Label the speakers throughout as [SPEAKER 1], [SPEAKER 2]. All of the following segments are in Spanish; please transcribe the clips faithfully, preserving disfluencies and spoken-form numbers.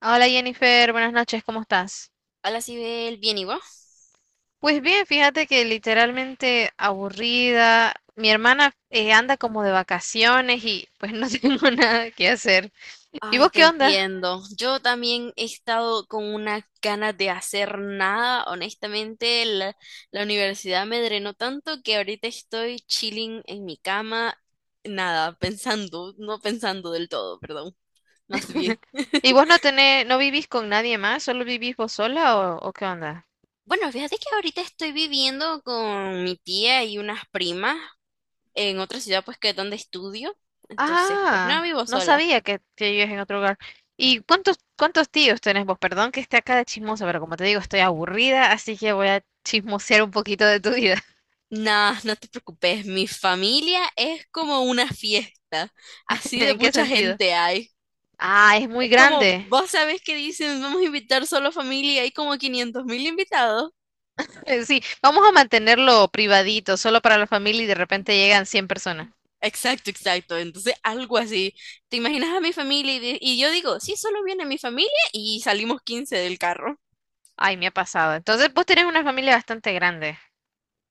[SPEAKER 1] Hola Jennifer, buenas noches, ¿cómo estás?
[SPEAKER 2] Hola, Sibel, bien, ¿y vos?
[SPEAKER 1] Pues bien, fíjate que literalmente aburrida. Mi hermana eh, anda como de vacaciones y pues no tengo nada que hacer. ¿Y
[SPEAKER 2] Ay,
[SPEAKER 1] vos
[SPEAKER 2] te
[SPEAKER 1] qué onda?
[SPEAKER 2] entiendo. Yo también he estado con unas ganas de hacer nada. Honestamente, la, la universidad me drenó tanto que ahorita estoy chilling en mi cama, nada, pensando, no pensando del todo, perdón, más bien.
[SPEAKER 1] ¿Y vos no tenés, no vivís con nadie más? ¿Solo vivís vos sola o, o qué onda?
[SPEAKER 2] Bueno, fíjate que ahorita estoy viviendo con mi tía y unas primas en otra ciudad, pues que es donde estudio. Entonces, pues no
[SPEAKER 1] Ah,
[SPEAKER 2] vivo
[SPEAKER 1] no
[SPEAKER 2] sola.
[SPEAKER 1] sabía que, que vivías en otro lugar. ¿Y cuántos, cuántos tíos tenés vos? Perdón que esté acá de chismosa, pero como te digo, estoy aburrida, así que voy a chismosear un poquito de tu vida.
[SPEAKER 2] Nah, no te preocupes, mi familia es como una fiesta, así de
[SPEAKER 1] ¿En qué
[SPEAKER 2] mucha
[SPEAKER 1] sentido?
[SPEAKER 2] gente hay.
[SPEAKER 1] Ah, es muy
[SPEAKER 2] Es como,
[SPEAKER 1] grande.
[SPEAKER 2] vos sabés que dicen, vamos a invitar solo familia, hay como quinientos mil invitados.
[SPEAKER 1] Eh, Sí, vamos a mantenerlo privadito, solo para la familia y de repente llegan cien personas.
[SPEAKER 2] Exacto, exacto, entonces algo así. ¿Te imaginas a mi familia? Y, de- y yo digo, sí, solo viene mi familia y salimos quince del carro.
[SPEAKER 1] Ay, me ha pasado. Entonces, vos tenés una familia bastante grande.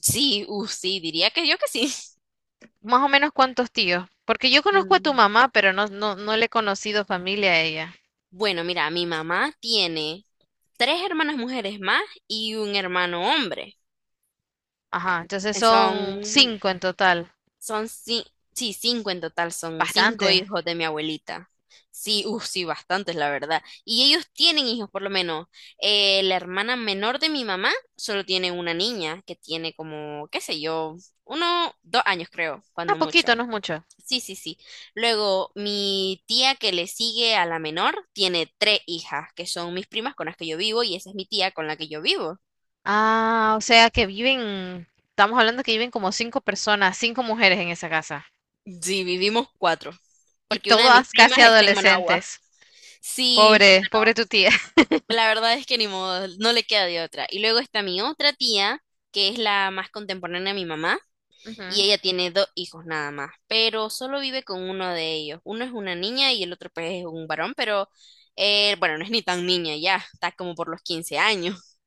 [SPEAKER 2] Sí, uh, sí, diría que yo que sí.
[SPEAKER 1] Más o menos cuántos tíos. Porque yo conozco a tu
[SPEAKER 2] Mm,
[SPEAKER 1] mamá, pero no, no, no le he conocido familia a ella.
[SPEAKER 2] Bueno, mira, mi mamá tiene tres hermanas mujeres más y un hermano hombre.
[SPEAKER 1] Ajá, entonces son
[SPEAKER 2] Son
[SPEAKER 1] cinco en total.
[SPEAKER 2] Son ci- sí, cinco en total, son cinco
[SPEAKER 1] Bastante.
[SPEAKER 2] hijos de mi abuelita. Sí, uff, sí, bastantes, la verdad. Y ellos tienen hijos, por lo menos. Eh, la hermana menor de mi mamá solo tiene una niña que tiene como, qué sé yo, uno, dos años creo,
[SPEAKER 1] Ah,
[SPEAKER 2] cuando mucho.
[SPEAKER 1] poquito, no es mucho.
[SPEAKER 2] Sí, sí, sí. Luego, mi tía que le sigue a la menor tiene tres hijas, que son mis primas con las que yo vivo y esa es mi tía con la que yo vivo.
[SPEAKER 1] Ah, o sea que viven, estamos hablando que viven como cinco personas, cinco mujeres en esa casa.
[SPEAKER 2] Sí, vivimos cuatro,
[SPEAKER 1] Y
[SPEAKER 2] porque una de mis
[SPEAKER 1] todas casi
[SPEAKER 2] primas está en Managua.
[SPEAKER 1] adolescentes.
[SPEAKER 2] Sí,
[SPEAKER 1] Pobre, pobre tu tía.
[SPEAKER 2] la verdad es que ni modo, no le queda de otra. Y luego está mi otra tía, que es la más contemporánea de mi mamá, y
[SPEAKER 1] Ujú.
[SPEAKER 2] ella tiene dos hijos nada más, pero solo vive con uno de ellos. Uno es una niña y el otro pues es un varón, pero eh, bueno, no es ni tan niña ya, está como por los quince años.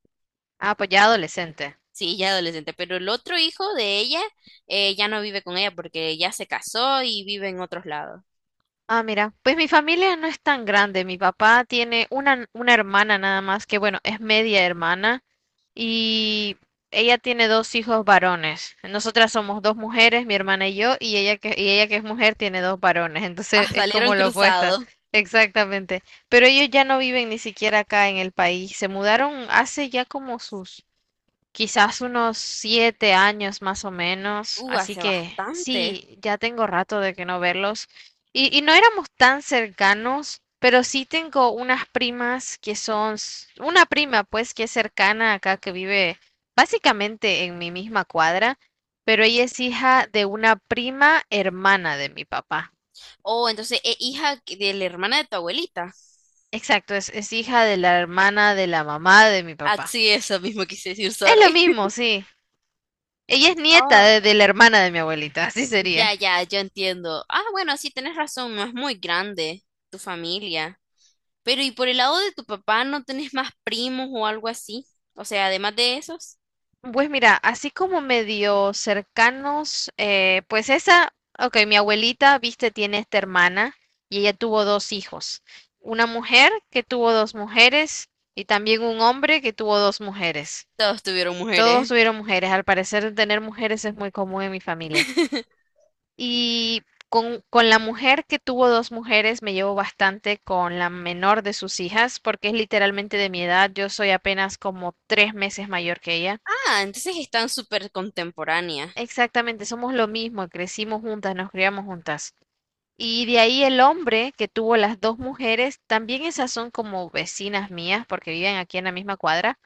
[SPEAKER 1] Ah, pues ya adolescente.
[SPEAKER 2] Sí, ya adolescente, pero el otro hijo de ella eh, ya no vive con ella porque ya se casó y vive en otros lados.
[SPEAKER 1] Ah, mira, pues mi familia no es tan grande. Mi papá tiene una, una hermana nada más, que bueno, es media hermana, y ella tiene dos hijos varones. Nosotras somos dos mujeres, mi hermana y yo, y ella que, y ella que es mujer tiene dos varones, entonces
[SPEAKER 2] Ah,
[SPEAKER 1] es como
[SPEAKER 2] salieron
[SPEAKER 1] lo opuesto.
[SPEAKER 2] cruzados.
[SPEAKER 1] Exactamente. Pero ellos ya no viven ni siquiera acá en el país. Se mudaron hace ya como sus quizás unos siete años más o menos,
[SPEAKER 2] Uh,
[SPEAKER 1] así
[SPEAKER 2] hace
[SPEAKER 1] que
[SPEAKER 2] bastante.
[SPEAKER 1] sí, ya tengo rato de que no verlos. Y, y no éramos tan cercanos, pero sí tengo unas primas que son, s- una prima pues que es cercana acá, que vive básicamente en mi misma cuadra, pero ella es hija de una prima hermana de mi papá.
[SPEAKER 2] Oh, entonces es hija que- de la hermana de tu abuelita.
[SPEAKER 1] Exacto, es, es hija de la hermana de la mamá de mi
[SPEAKER 2] Ah,
[SPEAKER 1] papá.
[SPEAKER 2] sí, eso mismo quise decir,
[SPEAKER 1] Es lo
[SPEAKER 2] sorry.
[SPEAKER 1] mismo, sí. Ella es nieta
[SPEAKER 2] Oh,
[SPEAKER 1] de de la hermana de mi abuelita, así sería.
[SPEAKER 2] ya, ya, yo entiendo. Ah, bueno, sí, tenés razón, no es muy grande tu familia. Pero, ¿y por el lado de tu papá no tenés más primos o algo así? O sea, además de esos,
[SPEAKER 1] Pues mira, así como medio cercanos, eh, pues esa, ok, mi abuelita, viste, tiene esta hermana y ella tuvo dos hijos, una mujer que tuvo dos mujeres y también un hombre que tuvo dos mujeres.
[SPEAKER 2] todos tuvieron
[SPEAKER 1] Todos
[SPEAKER 2] mujeres.
[SPEAKER 1] tuvieron mujeres, al parecer tener mujeres es muy común en mi familia. Y con, con la mujer que tuvo dos mujeres me llevo bastante con la menor de sus hijas porque es literalmente de mi edad, yo soy apenas como tres meses mayor que ella.
[SPEAKER 2] Ah, entonces están súper contemporáneas.
[SPEAKER 1] Exactamente, somos lo mismo, crecimos juntas, nos criamos juntas. Y de ahí el hombre que tuvo las dos mujeres, también esas son como vecinas mías porque viven aquí en la misma cuadra.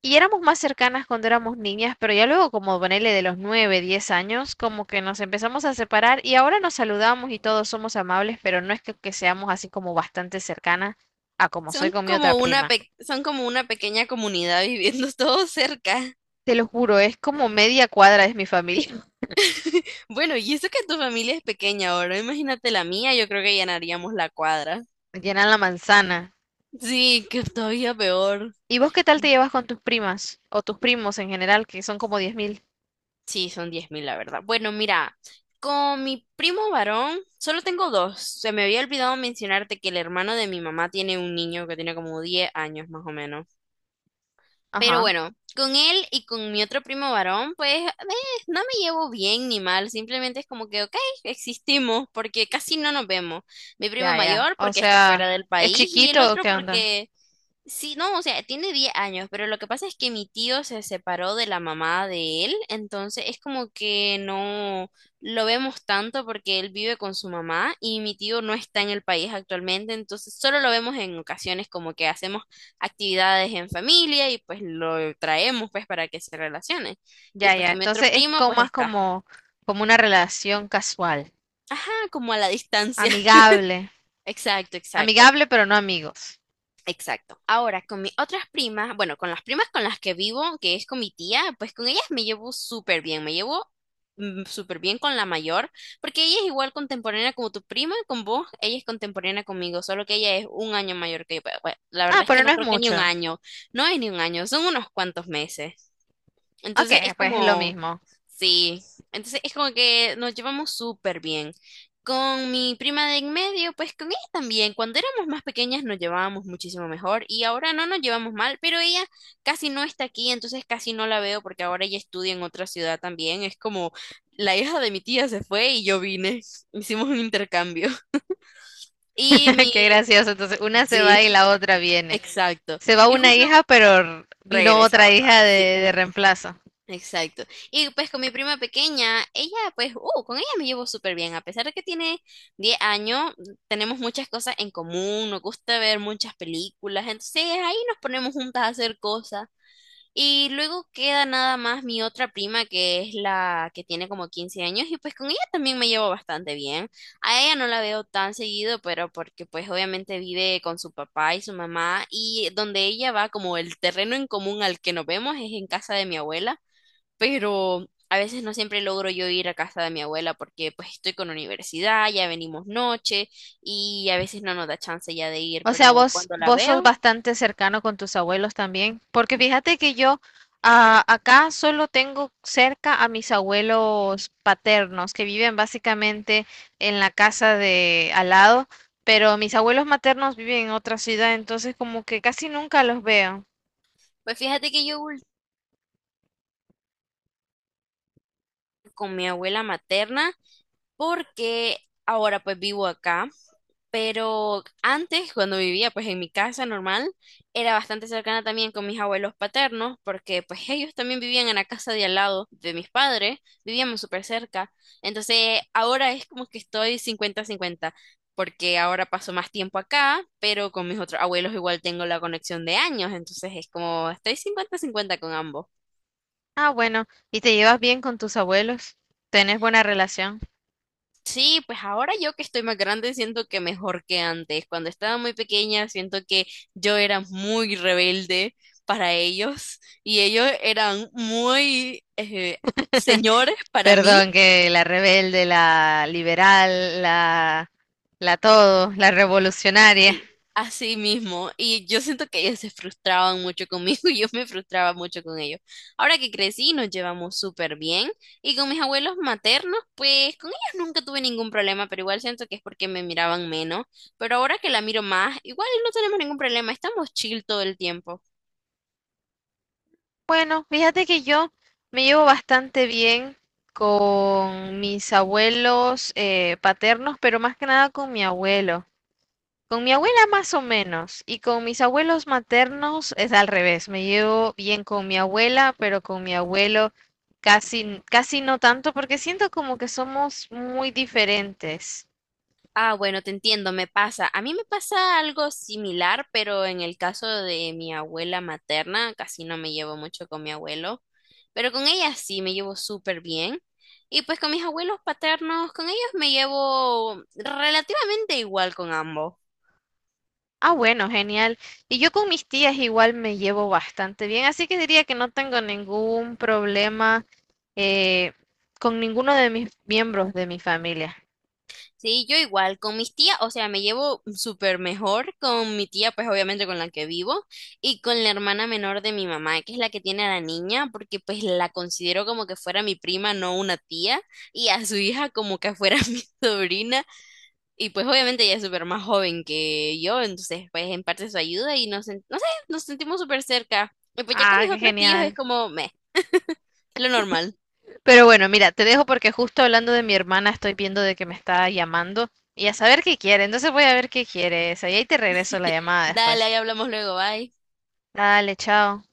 [SPEAKER 1] Y éramos más cercanas cuando éramos niñas, pero ya luego como ponele de los nueve, diez años, como que nos empezamos a separar y ahora nos saludamos y todos somos amables, pero no es que, que seamos así como bastante cercanas a como soy
[SPEAKER 2] Son
[SPEAKER 1] con mi otra
[SPEAKER 2] como una
[SPEAKER 1] prima.
[SPEAKER 2] pe- son como una pequeña comunidad viviendo todos cerca.
[SPEAKER 1] Te lo juro, es como media cuadra es mi familia,
[SPEAKER 2] Bueno, y eso que tu familia es pequeña ahora, imagínate la mía, yo creo que llenaríamos la cuadra.
[SPEAKER 1] llenan la manzana.
[SPEAKER 2] Sí, que todavía peor.
[SPEAKER 1] ¿Y vos qué tal te llevas con tus primas o tus primos en general, que son como diez mil,
[SPEAKER 2] Sí, son diez mil la verdad. Bueno, mira, con mi primo varón solo tengo dos. Se me había olvidado mencionarte que el hermano de mi mamá tiene un niño que tiene como diez años más o menos. Pero
[SPEAKER 1] Ajá,
[SPEAKER 2] bueno, con él y con mi otro primo varón, pues eh, no me llevo bien ni mal, simplemente es como que, ok, existimos porque casi no nos vemos. Mi primo
[SPEAKER 1] ya, ya.
[SPEAKER 2] mayor
[SPEAKER 1] O
[SPEAKER 2] porque está fuera
[SPEAKER 1] sea,
[SPEAKER 2] del
[SPEAKER 1] ¿es
[SPEAKER 2] país y el
[SPEAKER 1] chiquito o
[SPEAKER 2] otro
[SPEAKER 1] qué onda?
[SPEAKER 2] porque, sí, no, o sea, tiene diez años, pero lo que pasa es que mi tío se separó de la mamá de él, entonces es como que no lo vemos tanto porque él vive con su mamá y mi tío no está en el país actualmente, entonces solo lo vemos en ocasiones como que hacemos actividades en familia y pues lo traemos pues para que se relacione. Y
[SPEAKER 1] Ya,
[SPEAKER 2] pues
[SPEAKER 1] ya.
[SPEAKER 2] con mi otro
[SPEAKER 1] Entonces es
[SPEAKER 2] primo
[SPEAKER 1] como
[SPEAKER 2] pues
[SPEAKER 1] más
[SPEAKER 2] está,
[SPEAKER 1] como, como una relación casual,
[SPEAKER 2] ajá, como a la distancia.
[SPEAKER 1] amigable,
[SPEAKER 2] Exacto, exacto.
[SPEAKER 1] amigable pero no amigos.
[SPEAKER 2] Exacto. Ahora, con mis otras primas, bueno, con las primas con las que vivo, que es con mi tía, pues con ellas me llevo súper bien, me llevo mm, súper bien con la mayor, porque ella es igual contemporánea como tu prima, con vos, ella es contemporánea conmigo, solo que ella es un año mayor que yo. Pero, bueno, la
[SPEAKER 1] Ah,
[SPEAKER 2] verdad es que
[SPEAKER 1] pero
[SPEAKER 2] no
[SPEAKER 1] no es
[SPEAKER 2] creo que ni un
[SPEAKER 1] mucho.
[SPEAKER 2] año, no es ni un año, son unos cuantos meses.
[SPEAKER 1] Ok,
[SPEAKER 2] Entonces es
[SPEAKER 1] pues es lo
[SPEAKER 2] como,
[SPEAKER 1] mismo.
[SPEAKER 2] sí, entonces es como que nos llevamos súper bien. Con mi prima de en medio, pues con ella también. Cuando éramos más pequeñas nos llevábamos muchísimo mejor y ahora no nos llevamos mal, pero ella casi no está aquí, entonces casi no la veo porque ahora ella estudia en otra ciudad también. Es como la hija de mi tía se fue y yo vine. Hicimos un intercambio. Y mi...
[SPEAKER 1] Qué gracioso. Entonces una se va y
[SPEAKER 2] sí,
[SPEAKER 1] la otra viene.
[SPEAKER 2] exacto.
[SPEAKER 1] Se va
[SPEAKER 2] Y
[SPEAKER 1] una
[SPEAKER 2] justo
[SPEAKER 1] hija, pero vino
[SPEAKER 2] regresa
[SPEAKER 1] otra
[SPEAKER 2] ahora,
[SPEAKER 1] hija de,
[SPEAKER 2] sí.
[SPEAKER 1] de reemplazo.
[SPEAKER 2] Exacto. Y pues con mi prima pequeña, ella pues, uh, con ella me llevo súper bien. A pesar de que tiene diez años, tenemos muchas cosas en común, nos gusta ver muchas películas, entonces ahí nos ponemos juntas a hacer cosas. Y luego queda nada más mi otra prima, que es la que tiene como quince años, y pues con ella también me llevo bastante bien. A ella no la veo tan seguido, pero porque pues obviamente vive con su papá y su mamá, y donde ella va, como el terreno en común al que nos vemos es en casa de mi abuela, pero a veces no siempre logro yo ir a casa de mi abuela porque pues estoy con universidad, ya venimos noche y a veces no nos da chance ya de ir,
[SPEAKER 1] O sea,
[SPEAKER 2] pero
[SPEAKER 1] vos,
[SPEAKER 2] cuando la
[SPEAKER 1] vos sos
[SPEAKER 2] veo,
[SPEAKER 1] bastante cercano con tus abuelos también, porque fíjate que yo ah, acá solo tengo cerca a mis abuelos paternos, que viven básicamente en la casa de al lado, pero mis abuelos maternos viven en otra ciudad, entonces como que casi nunca los veo.
[SPEAKER 2] pues fíjate que yo voy con mi abuela materna porque ahora pues vivo acá. Pero antes, cuando vivía pues en mi casa normal, era bastante cercana también con mis abuelos paternos, porque pues ellos también vivían en la casa de al lado de mis padres, vivíamos súper cerca. Entonces ahora es como que estoy cincuenta-cincuenta porque ahora paso más tiempo acá, pero con mis otros abuelos igual tengo la conexión de años, entonces es como estoy cincuenta-cincuenta con ambos.
[SPEAKER 1] Ah, bueno, ¿y te llevas bien con tus abuelos? ¿Tenés buena relación?
[SPEAKER 2] Sí, pues ahora yo que estoy más grande siento que mejor que antes. Cuando estaba muy pequeña siento que yo era muy rebelde para ellos y ellos eran muy eh, señores para
[SPEAKER 1] Perdón,
[SPEAKER 2] mí.
[SPEAKER 1] que la rebelde, la liberal, la, la todo, la revolucionaria.
[SPEAKER 2] Sí, así mismo. Y yo siento que ellos se frustraban mucho conmigo y yo me frustraba mucho con ellos. Ahora que crecí, nos llevamos súper bien. Y con mis abuelos maternos, pues con ellos nunca tuve ningún problema, pero igual siento que es porque me miraban menos. Pero ahora que la miro más, igual no tenemos ningún problema, estamos chill todo el tiempo.
[SPEAKER 1] Bueno, fíjate que yo me llevo bastante bien con mis abuelos eh, paternos, pero más que nada con mi abuelo. Con mi abuela más o menos, y con mis abuelos maternos es al revés. Me llevo bien con mi abuela, pero con mi abuelo casi, casi no tanto, porque siento como que somos muy diferentes.
[SPEAKER 2] Ah, bueno, te entiendo, me pasa. A mí me pasa algo similar, pero en el caso de mi abuela materna, casi no me llevo mucho con mi abuelo, pero con ella sí me llevo súper bien. Y pues con mis abuelos paternos, con ellos me llevo relativamente igual con ambos.
[SPEAKER 1] Ah, bueno, genial. Y yo con mis tías igual me llevo bastante bien, así que diría que no tengo ningún problema eh, con ninguno de mis miembros de mi familia.
[SPEAKER 2] Sí, yo igual, con mis tías, o sea, me llevo súper mejor con mi tía, pues obviamente con la que vivo, y con la hermana menor de mi mamá, que es la que tiene a la niña, porque pues la considero como que fuera mi prima, no una tía, y a su hija como que fuera mi sobrina, y pues obviamente ella es súper más joven que yo, entonces pues en parte su ayuda y nos, sen- no sé, nos sentimos súper cerca. Y pues ya con
[SPEAKER 1] Ah,
[SPEAKER 2] mis
[SPEAKER 1] qué
[SPEAKER 2] otros tíos es
[SPEAKER 1] genial.
[SPEAKER 2] como, meh, lo normal.
[SPEAKER 1] Pero bueno, mira, te dejo porque justo hablando de mi hermana estoy viendo de que me está llamando y a saber qué quiere. Entonces voy a ver qué quiere esa y ahí te regreso la llamada
[SPEAKER 2] Dale,
[SPEAKER 1] después.
[SPEAKER 2] ahí hablamos luego, bye.
[SPEAKER 1] Dale, chao.